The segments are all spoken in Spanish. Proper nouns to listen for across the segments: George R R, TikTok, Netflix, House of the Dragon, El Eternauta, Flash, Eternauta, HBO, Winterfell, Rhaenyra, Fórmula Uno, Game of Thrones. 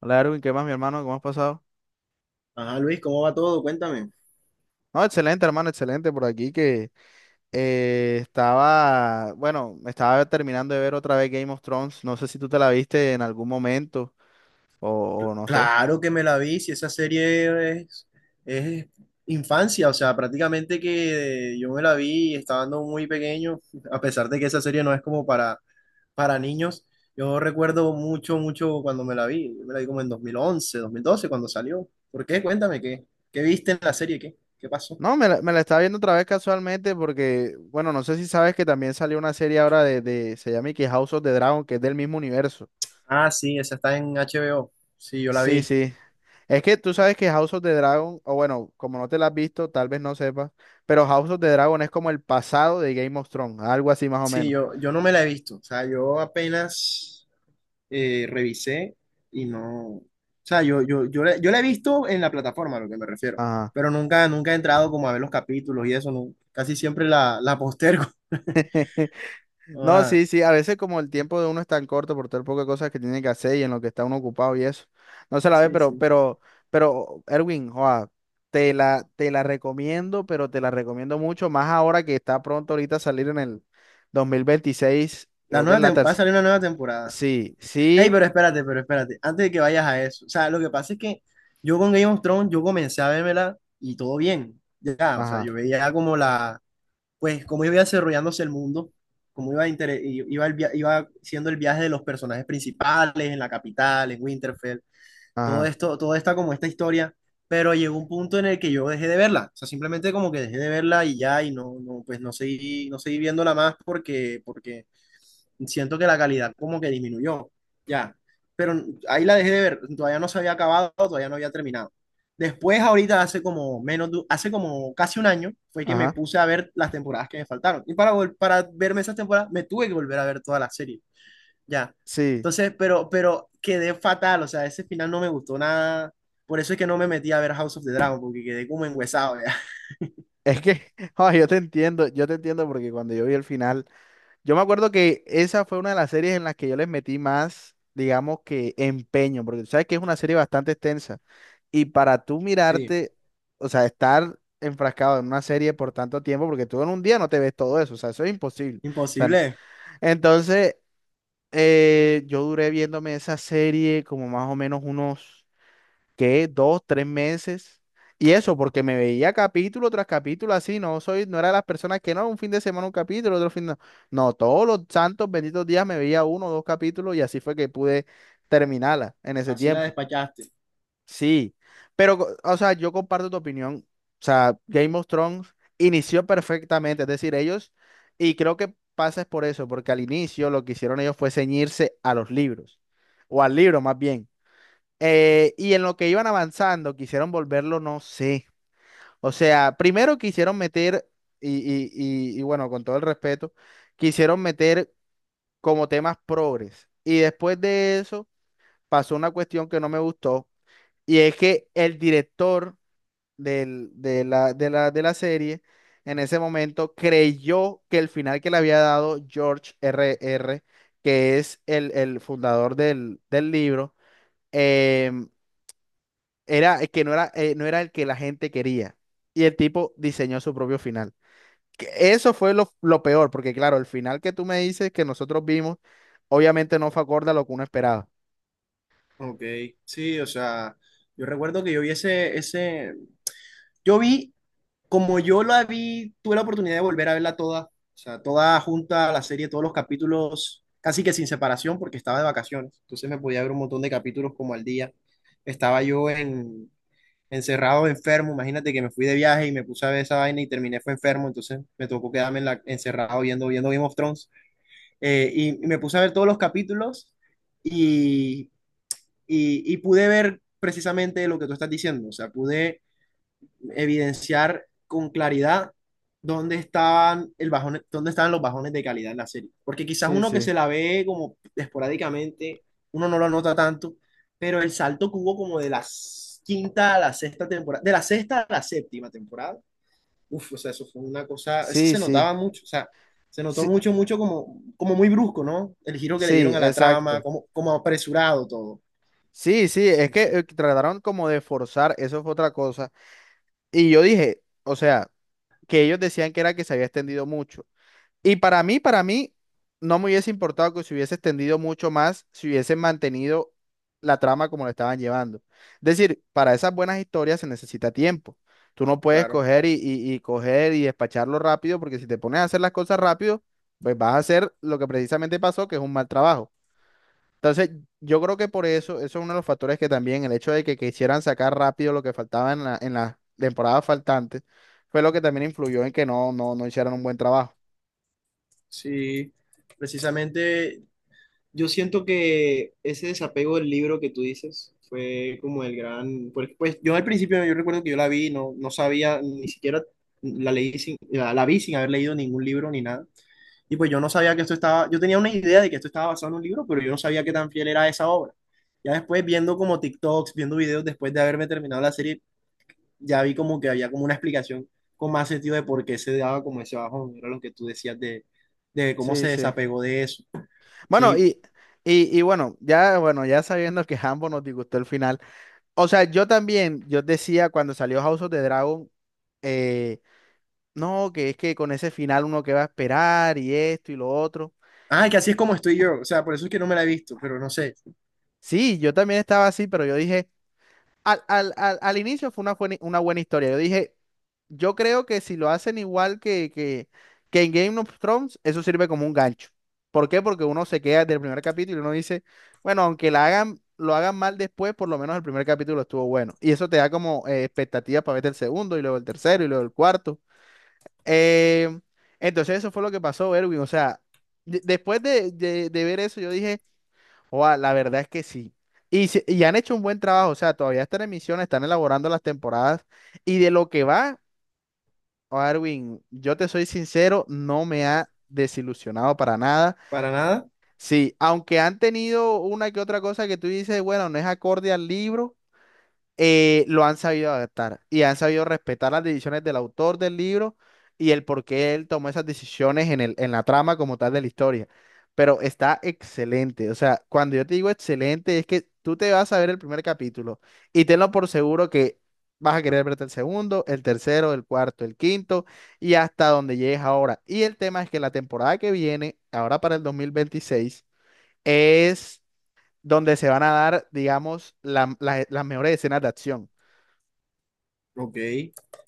Hola Erwin, ¿qué más, mi hermano? ¿Cómo has pasado? Ajá, Luis, ¿cómo va todo? Cuéntame. No, excelente, hermano, excelente por aquí que estaba, bueno, estaba terminando de ver otra vez Game of Thrones. No sé si tú te la viste en algún momento o no sé. Claro que me la vi, si esa serie es infancia, o sea, prácticamente que yo me la vi estando muy pequeño, a pesar de que esa serie no es como para niños. Yo recuerdo mucho, mucho cuando me la vi, yo me la vi como en dos mil once, 2012 cuando salió. ¿Por qué? Cuéntame, ¿qué viste en la serie? ¿Qué pasó? No, me la estaba viendo otra vez casualmente porque, bueno, no sé si sabes que también salió una serie ahora de se llama y que House of the Dragon, que es del mismo universo. Ah, sí, esa está en HBO. Sí, yo la Sí, vi. sí. Es que tú sabes que House of the Dragon, o bueno, como no te la has visto, tal vez no sepas, pero House of the Dragon es como el pasado de Game of Thrones, algo así más o Sí, menos. yo no me la he visto. O sea, yo apenas revisé y no, o sea, yo la he visto en la plataforma, a lo que me refiero, Ajá. pero nunca, nunca he entrado como a ver los capítulos y eso, no, casi siempre la postergo. No, Ah, sí, sí, a veces como el tiempo de uno es tan corto por todo el poco de cosas que tiene que hacer y en lo que está uno ocupado y eso, no se la ve, sí, pero, sí. pero, pero, Erwin, joa, te la recomiendo, pero te la recomiendo mucho, más ahora que está pronto ahorita a salir en el 2026 La creo que es nueva la tem- va a tercera, salir una nueva temporada. sí, Ey, sí, pero espérate, antes de que vayas a eso, o sea, lo que pasa es que yo con Game of Thrones, yo comencé a vérmela y todo bien, ya, o sea, ajá, yo veía como la pues cómo iba desarrollándose el mundo, cómo iba siendo el viaje de los personajes principales en la capital, en Winterfell, todo ajá, esto, toda esta como esta historia, pero llegó un punto en el que yo dejé de verla, o sea, simplemente como que dejé de verla y ya, y no, pues no seguí viéndola más porque siento que la calidad como que disminuyó, ya, pero ahí la dejé de ver, todavía no se había acabado, todavía no había terminado. Después, ahorita, hace como menos, de hace como casi un año, fue que me ajá, puse a ver las temporadas que me faltaron. Y para verme esas temporadas, me tuve que volver a ver toda la serie. Ya. sí, Entonces, pero quedé fatal, o sea, ese final no me gustó nada. Por eso es que no me metí a ver House of the Dragon, porque quedé como enguesado, ya. es que, joa, yo te entiendo porque cuando yo vi el final. Yo me acuerdo que esa fue una de las series en las que yo les metí más, digamos que empeño, porque tú sabes que es una serie bastante extensa. Y para tú Sí, mirarte, o sea, estar enfrascado en una serie por tanto tiempo, porque tú en un día no te ves todo eso, o sea, eso es imposible. O sea, imposible. entonces, yo duré viéndome esa serie como más o menos unos que dos, tres meses. Y eso, porque me veía capítulo tras capítulo así, no era de las personas que no, un fin de semana un capítulo, otro fin de... No, todos los santos benditos días me veía uno o dos capítulos y así fue que pude terminarla en ese Así la tiempo. despachaste. Sí, pero, o sea, yo comparto tu opinión. O sea, Game of Thrones inició perfectamente, es decir, ellos, y creo que pasa es por eso, porque al inicio lo que hicieron ellos fue ceñirse a los libros, o al libro más bien. Y en lo que iban avanzando, quisieron volverlo, no sé. O sea, primero quisieron meter, y, y, y bueno, con todo el respeto, quisieron meter como temas progres. Y después de eso pasó una cuestión que no me gustó, y es que el director de la serie en ese momento creyó que el final que le había dado George R R, que es el fundador del libro, em, era el que no era, no era el que la gente quería. Y el tipo diseñó su propio final. Que eso fue lo peor, porque claro, el final que tú me dices que nosotros vimos, obviamente no fue acorde a lo que uno esperaba. Ok, sí, o sea, yo recuerdo que yo vi ese, yo vi, como yo la vi, tuve la oportunidad de volver a verla toda, o sea, toda junta, la serie, todos los capítulos, casi que sin separación, porque estaba de vacaciones, entonces me podía ver un montón de capítulos como al día. Estaba yo encerrado, enfermo. Imagínate que me fui de viaje y me puse a ver esa vaina y terminé fue enfermo, entonces me tocó quedarme encerrado viendo Game of Thrones. Y me puse a ver todos los capítulos y, y pude ver precisamente lo que tú estás diciendo, o sea, pude evidenciar con claridad dónde estaban, el bajón, dónde estaban los bajones de calidad en la serie. Porque quizás Sí, uno que sí, se la ve como esporádicamente, uno no lo nota tanto, pero el salto que hubo como de la quinta a la sexta temporada, de la sexta a la séptima temporada, uf, o sea, eso fue una cosa, eso sí, se sí, notaba mucho, o sea, se notó sí, mucho, mucho como muy brusco, ¿no? El giro que le sí, dieron a la trama, exacto. como apresurado todo. Sí, sí, es Sí, que sí, trataron como de forzar, eso fue otra cosa. Y yo dije, o sea, que ellos decían que era que se había extendido mucho. Y para mí, no me hubiese importado que se hubiese extendido mucho más si hubiesen mantenido la trama como la estaban llevando. Es decir, para esas buenas historias se necesita tiempo. Tú no puedes claro. coger y coger y despacharlo rápido, porque si te pones a hacer las cosas rápido, pues vas a hacer lo que precisamente pasó, que es un mal trabajo. Entonces, yo creo que por eso, eso es uno de los factores que también el hecho de que quisieran sacar rápido lo que faltaba en las temporadas faltantes, fue lo que también influyó en que no hicieran un buen trabajo. Sí, precisamente. Yo siento que ese desapego del libro que tú dices fue como el gran, porque pues yo al principio yo recuerdo que yo la vi, y no sabía, ni siquiera la vi sin haber leído ningún libro ni nada. Y pues yo no sabía que esto estaba, yo tenía una idea de que esto estaba basado en un libro, pero yo no sabía qué tan fiel era esa obra. Ya después viendo como TikToks, viendo videos después de haberme terminado la serie, ya vi como que había como una explicación con más sentido de por qué se daba como ese bajón, era lo que tú decías de cómo Sí, se sí. desapegó de eso. Bueno, Sí. y bueno, ya, bueno, ya sabiendo que Hambo nos disgustó el final. O sea, yo también, yo decía cuando salió House of the Dragon, eh, no, que es que con ese final uno que va a esperar y esto y lo otro. Ay, que así es como estoy yo. O sea, por eso es que no me la he visto, pero no sé. Sí, yo también estaba así, pero yo dije. Al inicio fue una, una buena historia. Yo dije, yo creo que si lo hacen igual que que en Game of Thrones, eso sirve como un gancho. ¿Por qué? Porque uno se queda del primer capítulo y uno dice, bueno, aunque la hagan, lo hagan mal después, por lo menos el primer capítulo estuvo bueno. Y eso te da como expectativas para ver el segundo y luego el tercero y luego el cuarto. Eh, entonces eso fue lo que pasó, Erwin. O sea, después de ver eso, yo dije... Oa, la verdad es que sí. Y, y han hecho un buen trabajo, o sea, todavía están en emisión, están elaborando las temporadas. Y de lo que va, Arwin, yo te soy sincero, no me ha desilusionado para nada. ¿Para nada? Sí, aunque han tenido una que otra cosa que tú dices, bueno, no es acorde al libro, lo han sabido adaptar y han sabido respetar las decisiones del autor del libro y el por qué él tomó esas decisiones en la trama como tal de la historia. Pero está excelente. O sea, cuando yo te digo excelente, es que tú te vas a ver el primer capítulo y tenlo por seguro que vas a querer verte el segundo, el tercero, el cuarto, el quinto y hasta donde llegues ahora. Y el tema es que la temporada que viene, ahora para el 2026, es donde se van a dar, digamos, las mejores escenas de acción. Ok.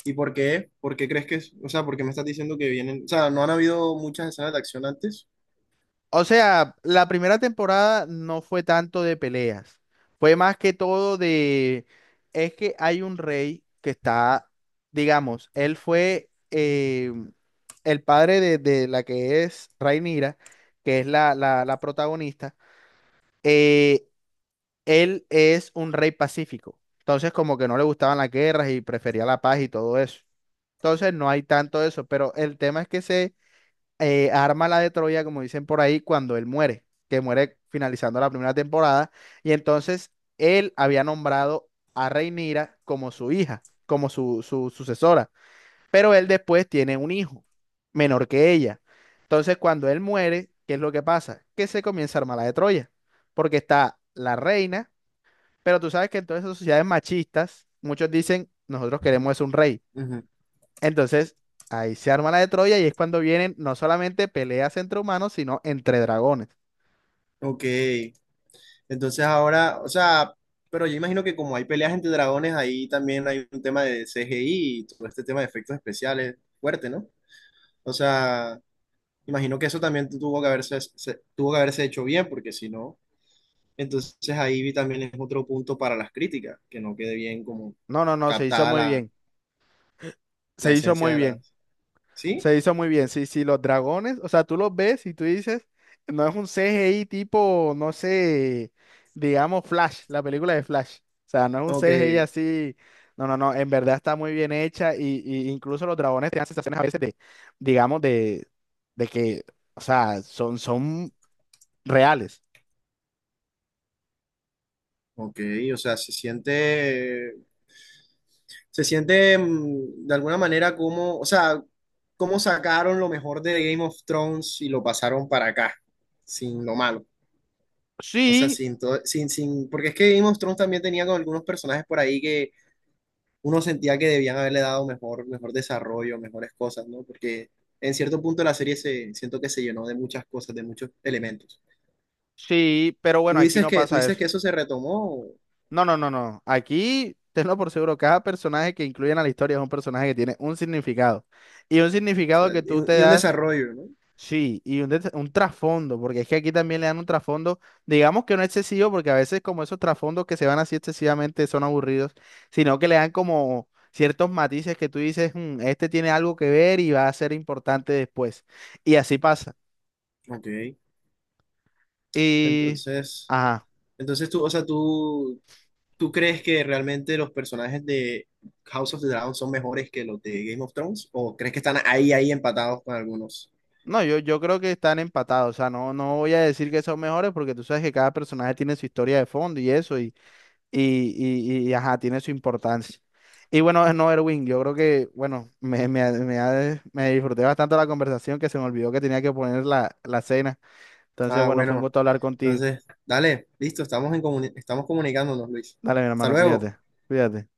¿Y por qué? ¿Por qué crees que es? O sea, ¿por qué me estás diciendo que vienen? O sea, ¿no han habido muchas escenas de acción antes? O sea, la primera temporada no fue tanto de peleas, fue más que todo de, es que hay un rey que está, digamos, él fue el padre de la que es Rhaenyra, que es la protagonista, eh, él es un rey pacífico, entonces como que no le gustaban las guerras y prefería la paz y todo eso. Entonces no hay tanto eso, pero el tema es que se arma la de Troya, como dicen por ahí, cuando él muere, que muere finalizando la primera temporada. Y entonces él había nombrado a Rhaenyra como su hija, como su sucesora. Pero él después tiene un hijo menor que ella. Entonces, cuando él muere, ¿qué es lo que pasa? Que se comienza a armar la de Troya, porque está la reina, pero tú sabes que en todas esas sociedades machistas, muchos dicen, nosotros queremos es un rey. Ujú. Entonces, ahí se arma la de Troya y es cuando vienen no solamente peleas entre humanos, sino entre dragones. Ok. Entonces ahora, o sea, pero yo imagino que como hay peleas entre dragones, ahí también hay un tema de CGI y todo este tema de efectos especiales fuerte, ¿no? O sea, imagino que eso también tuvo que haberse, tuvo que haberse hecho bien, porque si no... Entonces ahí vi también es otro punto para las críticas, que no quede bien como No, no, no, se hizo captada muy la, bien. la Se hizo esencia muy de bien. las... ¿Sí? Se hizo muy bien. Sí, sí, los dragones, o sea, tú los ves y tú dices, no es un CGI tipo, no sé, digamos Flash, la película de Flash. O sea, no es un Ok, CGI así. No, no, no, en verdad está muy bien hecha y incluso los dragones te dan sensaciones a veces de, digamos, de que, o sea, son reales. ok, o sea, se siente de alguna manera como, o sea, cómo sacaron lo mejor de Game of Thrones y lo pasaron para acá, sin lo malo. O sea, Sí, sin todo, sin, sin, porque es que Game of Thrones también tenía con algunos personajes por ahí que uno sentía que debían haberle dado mejor, mejor desarrollo, mejores cosas, ¿no? Porque en cierto punto la serie siento que se llenó de muchas cosas, de muchos elementos. sí, pero Tú bueno, aquí dices no que, tú pasa dices eso. que eso se retomó, o No, no, no, no. Aquí, tenlo por seguro, cada personaje que incluyen a la historia es un personaje que tiene un significado. Y un sea, significado que y tú un te y un das, desarrollo, ¿no? sí, un trasfondo, porque es que aquí también le dan un trasfondo, digamos que no excesivo, porque a veces como esos trasfondos que se van así excesivamente son aburridos, sino que le dan como ciertos matices que tú dices, "Mm, este tiene algo que ver y va a ser importante después. Y así pasa. Ok. Y... Entonces, Ajá. entonces, ¿tú, o sea, tú crees que realmente los personajes de House of the Dragon son mejores que los de Game of Thrones, o crees que están ahí empatados con algunos? No, yo creo que están empatados. O sea, no, no voy a decir que son mejores porque tú sabes que cada personaje tiene su historia de fondo y eso, y, ajá, tiene su importancia. Y bueno, no, Erwin, yo creo que, bueno, me disfruté bastante la conversación que se me olvidó que tenía que poner la cena. Entonces, Ah, bueno, fue un bueno. gusto hablar contigo. Entonces, dale, listo, estamos comunicándonos, Luis. Dale, mi Hasta hermano, luego. cuídate, cuídate.